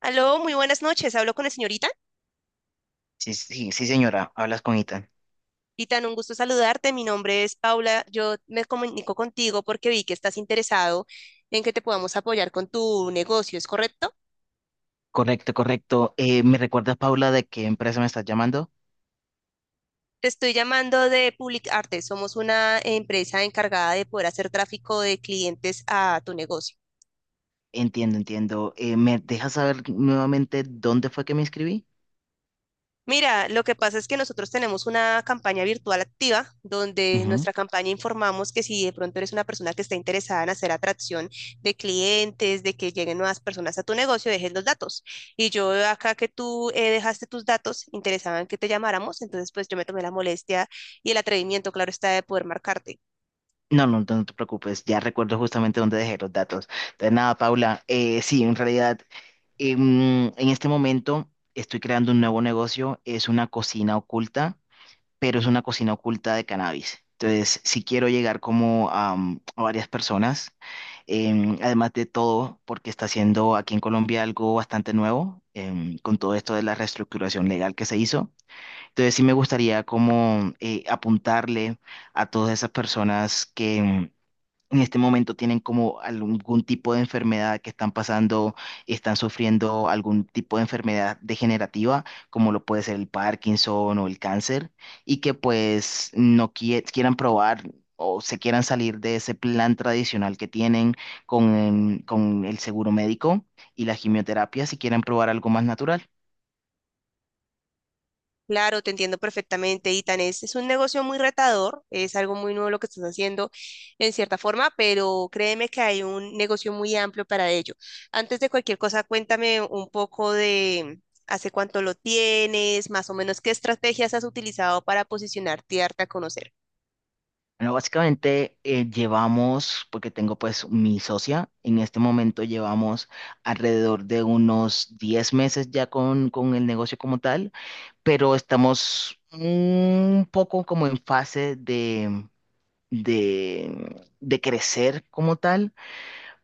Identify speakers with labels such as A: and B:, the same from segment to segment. A: Aló, muy buenas noches. Hablo con la señorita.
B: Sí, sí, sí, señora, hablas con Ethan.
A: Itan, un gusto saludarte. Mi nombre es Paula. Yo me comunico contigo porque vi que estás interesado en que te podamos apoyar con tu negocio, ¿es correcto?
B: Correcto, correcto. ¿Me recuerdas, Paula, de qué empresa me estás llamando?
A: Te estoy llamando de Public Arte. Somos una empresa encargada de poder hacer tráfico de clientes a tu negocio.
B: Entiendo, entiendo. ¿Me dejas saber nuevamente dónde fue que me inscribí?
A: Mira, lo que pasa es que nosotros tenemos una campaña virtual activa donde en
B: Ujú.
A: nuestra campaña informamos que si de pronto eres una persona que está interesada en hacer atracción de clientes, de que lleguen nuevas personas a tu negocio, dejes los datos. Y yo veo acá que tú dejaste tus datos, interesaban que te llamáramos, entonces pues yo me tomé la molestia y el atrevimiento, claro está, de poder marcarte.
B: No, no, no te preocupes, ya recuerdo justamente dónde dejé los datos. Entonces, nada, Paula, sí, en realidad, en este momento estoy creando un nuevo negocio, es una cocina oculta, pero es una cocina oculta de cannabis. Entonces, si quiero llegar como a varias personas. Además de todo, porque está haciendo aquí en Colombia algo bastante nuevo con todo esto de la reestructuración legal que se hizo. Entonces sí me gustaría como apuntarle a todas esas personas que, en este momento tienen como algún tipo de enfermedad que están pasando, están sufriendo algún tipo de enfermedad degenerativa, como lo puede ser el Parkinson o el cáncer, y que pues no quie- quieran probar. O se quieran salir de ese plan tradicional que tienen con el seguro médico y la quimioterapia si quieren probar algo más natural.
A: Claro, te entiendo perfectamente, Itan. Es un negocio muy retador, es algo muy nuevo lo que estás haciendo en cierta forma, pero créeme que hay un negocio muy amplio para ello. Antes de cualquier cosa, cuéntame un poco de hace cuánto lo tienes, más o menos qué estrategias has utilizado para posicionarte y darte a conocer.
B: Bueno, básicamente llevamos, porque tengo pues mi socia, en este momento llevamos alrededor de unos 10 meses ya con el negocio como tal, pero estamos un poco como en fase de crecer como tal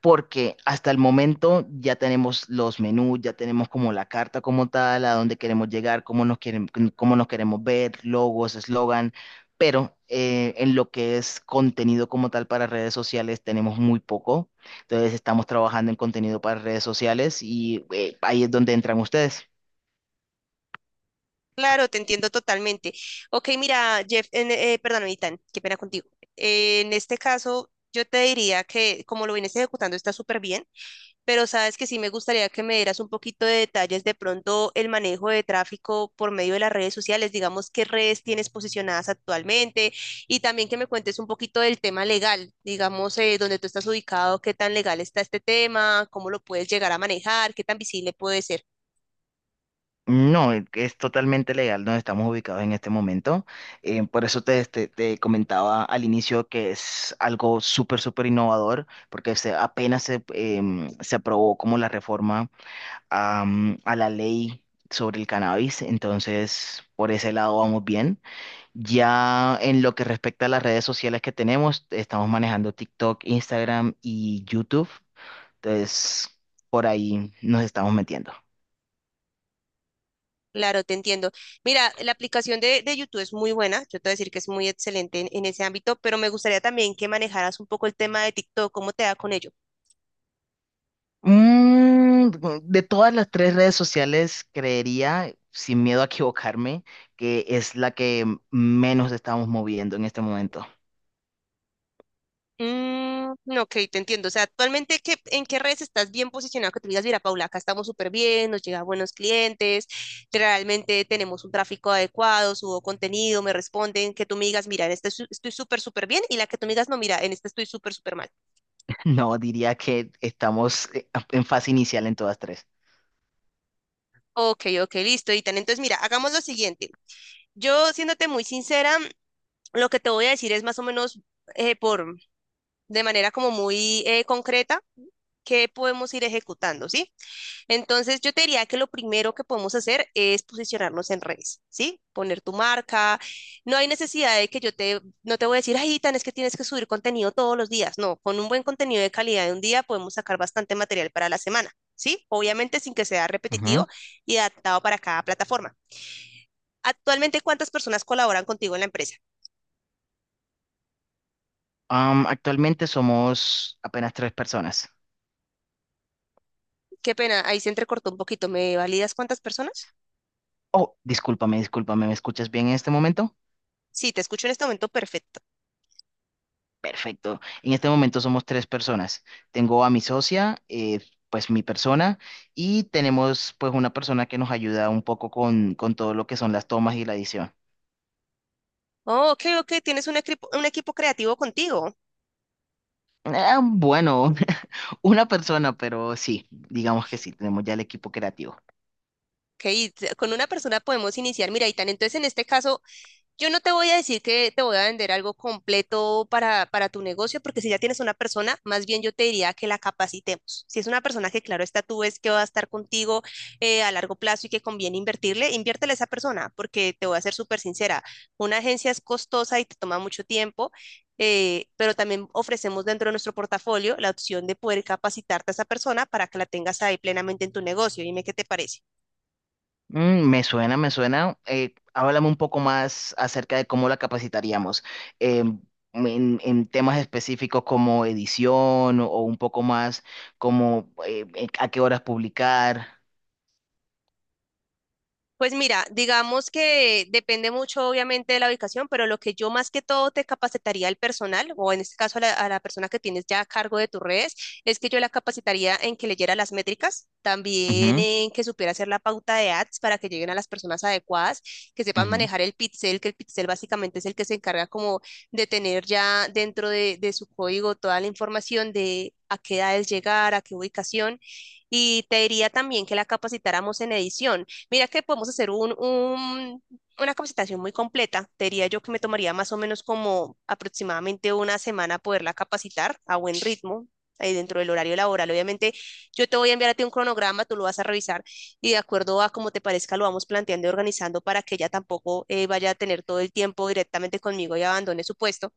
B: porque hasta el momento ya tenemos los menús, ya tenemos como la carta como tal, a dónde queremos llegar, cómo nos quieren, cómo nos queremos ver, logos, eslogan, pero en lo que es contenido como tal para redes sociales tenemos muy poco. Entonces estamos trabajando en contenido para redes sociales y ahí es donde entran ustedes.
A: Claro, te entiendo totalmente. Ok, mira, Jeff, perdón, Itan, qué pena contigo. En este caso, yo te diría que como lo vienes ejecutando está súper bien. Pero sabes que sí me gustaría que me dieras un poquito de detalles de pronto el manejo de tráfico por medio de las redes sociales, digamos qué redes tienes posicionadas actualmente y también que me cuentes un poquito del tema legal, digamos dónde tú estás ubicado, qué tan legal está este tema, cómo lo puedes llegar a manejar, qué tan visible puede ser.
B: No, es totalmente legal donde estamos ubicados en este momento. Por eso te comentaba al inicio que es algo súper, súper innovador, porque se, apenas se, em, se aprobó como la reforma a la ley sobre el cannabis. Entonces, por ese lado vamos bien. Ya en lo que respecta a las redes sociales que tenemos, estamos manejando TikTok, Instagram y YouTube. Entonces, por ahí nos estamos metiendo.
A: Claro, te entiendo. Mira, la aplicación de YouTube es muy buena, yo te voy a decir que es muy excelente en ese ámbito, pero me gustaría también que manejaras un poco el tema de TikTok, cómo te da con ello.
B: Mm, de todas las tres redes sociales, creería, sin miedo a equivocarme, que es la que menos estamos moviendo en este momento.
A: Mm, ok, te entiendo. O sea, actualmente, ¿qué, en qué redes estás bien posicionado? Que tú digas, mira, Paula, acá estamos súper bien, nos llegan buenos clientes, realmente tenemos un tráfico adecuado, subo contenido, me responden, que tú me digas, mira, en esta estoy súper, súper bien, y la que tú me digas, no, mira, en esta estoy súper, súper mal.
B: No, diría que estamos en fase inicial en todas tres.
A: Ok, ok, listo, Itan. Entonces, mira, hagamos lo siguiente. Yo, siéndote muy sincera, lo que te voy a decir es más o menos eh, por, de manera como muy concreta, qué podemos ir ejecutando, ¿sí? Entonces, yo te diría que lo primero que podemos hacer es posicionarnos en redes, ¿sí? Poner tu marca. No hay necesidad de que yo te, no te voy a decir, ay, tan es que tienes que subir contenido todos los días. No, con un buen contenido de calidad de un día podemos sacar bastante material para la semana, ¿sí? Obviamente sin que sea
B: Ujú.
A: repetitivo y adaptado para cada plataforma. Actualmente, ¿cuántas personas colaboran contigo en la empresa?
B: Actualmente somos apenas tres personas.
A: Qué pena, ahí se entrecortó un poquito. ¿Me validas cuántas personas?
B: Oh, discúlpame, discúlpame, ¿me escuchas bien en este momento?
A: Sí, te escucho en este momento perfecto.
B: Perfecto. En este momento somos tres personas. Tengo a mi socia, pues mi persona, y tenemos pues una persona que nos ayuda un poco con todo lo que son las tomas y la edición.
A: Oh, ok, ok, tienes un equipo creativo contigo.
B: Ah, bueno, una persona, pero sí, digamos que sí, tenemos ya el equipo creativo.
A: Ok, con una persona podemos iniciar. Mira, Itán, entonces en este caso, yo no te voy a decir que te voy a vender algo completo para tu negocio, porque si ya tienes una persona, más bien yo te diría que la capacitemos. Si es una persona que, claro, está tú ves que va a estar contigo a largo plazo y que conviene invertirle, inviértele a esa persona, porque te voy a ser súper sincera, una agencia es costosa y te toma mucho tiempo. Pero también ofrecemos dentro de nuestro portafolio la opción de poder capacitarte a esa persona para que la tengas ahí plenamente en tu negocio. Dime qué te parece.
B: Mm, me suena, me suena. Háblame un poco más acerca de cómo la capacitaríamos. Em, en temas específicos como edición o un poco más como a qué horas publicar.
A: Pues mira, digamos que depende mucho obviamente de la ubicación, pero lo que yo más que todo te capacitaría al personal, o en este caso a la persona que tienes ya a cargo de tus redes, es que yo la capacitaría en que leyera las métricas, también
B: Ujú,
A: en que supiera hacer la pauta de ads para que lleguen a las personas adecuadas, que sepan
B: ujú.
A: manejar el pixel, que el pixel básicamente es el que se encarga como de tener ya dentro de su código toda la información de a qué edades llegar, a qué ubicación. Y te diría también que la capacitáramos en edición. Mira que podemos hacer una capacitación muy completa. Te diría yo que me tomaría más o menos como aproximadamente una semana poderla capacitar a buen ritmo, ahí dentro del horario laboral. Obviamente, yo te voy a enviar a ti un cronograma, tú lo vas a revisar y de acuerdo a como te parezca lo vamos planteando y organizando para que ella tampoco vaya a tener todo el tiempo directamente conmigo y abandone su puesto.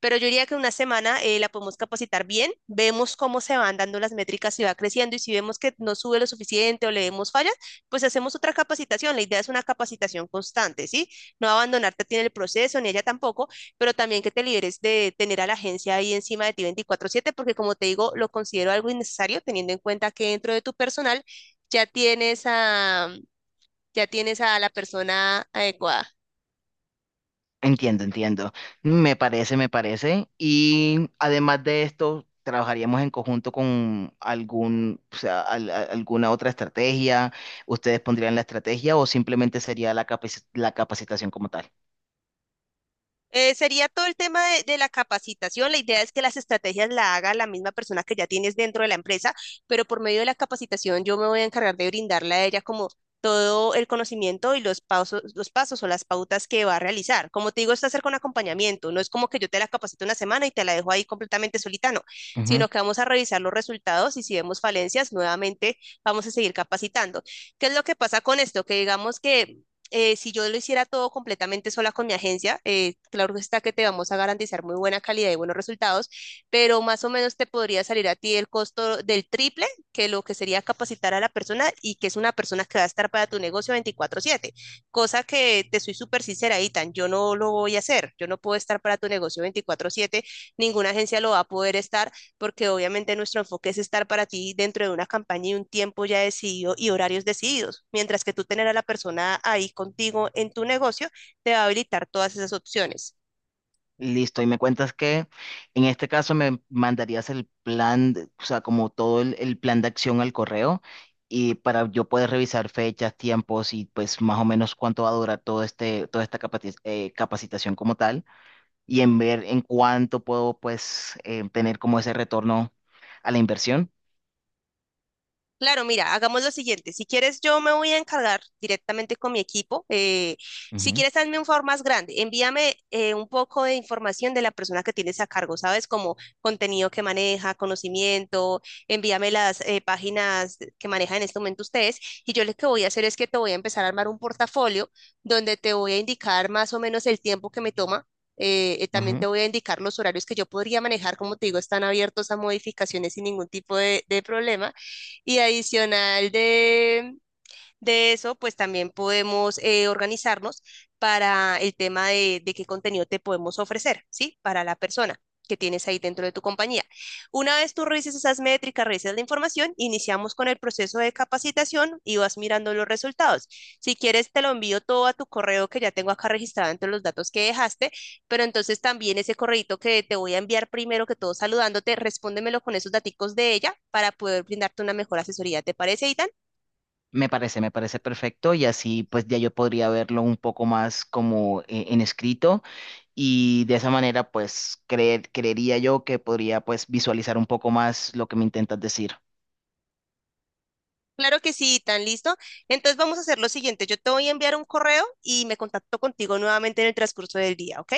A: Pero yo diría que una semana la podemos capacitar bien, vemos cómo se van dando las métricas y va creciendo y si vemos que no sube lo suficiente o le vemos fallas, pues hacemos otra capacitación. La idea es una capacitación constante, ¿sí? No abandonarte a ti en el proceso, ni ella tampoco, pero también que te liberes de tener a la agencia ahí encima de ti 24/7, porque como te digo, lo considero algo innecesario teniendo en cuenta que dentro de tu personal ya tienes a, ya tienes a la persona adecuada.
B: Entiendo, entiendo. Me parece, me parece. Y además de esto, trabajaríamos en conjunto con algún, o sea, alguna otra estrategia. ¿Ustedes pondrían la estrategia o simplemente sería la la capacitación como tal?
A: Sería todo el tema de la capacitación. La idea es que las estrategias la haga la misma persona que ya tienes dentro de la empresa, pero por medio de la capacitación yo me voy a encargar de brindarle a ella como todo el conocimiento y los pasos o las pautas que va a realizar. Como te digo, esto hacer con acompañamiento. No es como que yo te la capacito una semana y te la dejo ahí completamente solita, no, sino que vamos a revisar los resultados y si vemos falencias, nuevamente vamos a seguir capacitando. ¿Qué es lo que pasa con esto? Que digamos que si yo lo hiciera todo completamente sola con mi agencia, claro está que te vamos a garantizar muy buena calidad y buenos resultados, pero más o menos te podría salir a ti el costo del triple que lo que sería capacitar a la persona y que es una persona que va a estar para tu negocio 24/7, cosa que te soy súper sincera, Itan, yo no lo voy a hacer, yo no puedo estar para tu negocio 24/7, ninguna agencia lo va a poder estar porque obviamente nuestro enfoque es estar para ti dentro de una campaña y un tiempo ya decidido y horarios decididos, mientras que tú tener a la persona ahí contigo en tu negocio te va a habilitar todas esas opciones.
B: Listo, y me cuentas que en este caso me mandarías el plan, de- o sea, como todo el plan de acción al correo y para yo poder revisar fechas, tiempos y pues más o menos cuánto va a durar todo este, toda esta capacitación como tal y en ver en cuánto puedo pues tener como ese retorno a la inversión.
A: Claro, mira, hagamos lo siguiente. Si quieres, yo me voy a encargar directamente con mi equipo. Si
B: Ujú,
A: quieres, hazme un favor más grande. Envíame un poco de información de la persona que tienes a cargo, ¿sabes? Como contenido que maneja, conocimiento. Envíame las páginas que manejan en este momento ustedes. Y yo lo que voy a hacer es que te voy a empezar a armar un portafolio donde te voy a indicar más o menos el tiempo que me toma. También te
B: ujú.
A: voy a indicar los horarios que yo podría manejar. Como te digo, están abiertos a modificaciones sin ningún tipo de problema y adicional de eso, pues también podemos organizarnos para el tema de qué contenido te podemos ofrecer, ¿sí? Para la persona que tienes ahí dentro de tu compañía. Una vez tú revises esas métricas, revises la información, iniciamos con el proceso de capacitación y vas mirando los resultados. Si quieres, te lo envío todo a tu correo que ya tengo acá registrado entre los datos que dejaste, pero entonces también ese correito que te voy a enviar primero que todo saludándote, respóndemelo con esos daticos de ella para poder brindarte una mejor asesoría. ¿Te parece, Ita?
B: Me parece perfecto y así pues ya yo podría verlo un poco más como en escrito y de esa manera pues creería yo que podría pues visualizar un poco más lo que me intentas decir.
A: Claro que sí, tan listo. Entonces vamos a hacer lo siguiente. Yo te voy a enviar un correo y me contacto contigo nuevamente en el transcurso del día, ¿ok?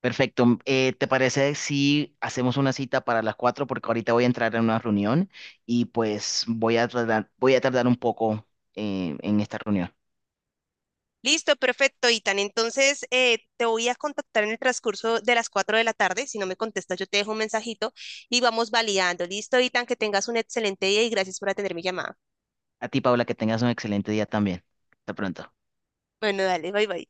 B: Perfecto. ¿Te parece si hacemos una cita para las cuatro? Porque ahorita voy a entrar en una reunión y pues voy a tardar un poco en esta reunión.
A: Listo, perfecto, Itan. Entonces te voy a contactar en el transcurso de las 4 de la tarde. Si no me contestas, yo te dejo un mensajito y vamos validando. Listo, Itan, que tengas un excelente día y gracias por atender mi llamada.
B: A ti, Paula, que tengas un excelente día también. Hasta pronto.
A: Bueno, dale, bye bye.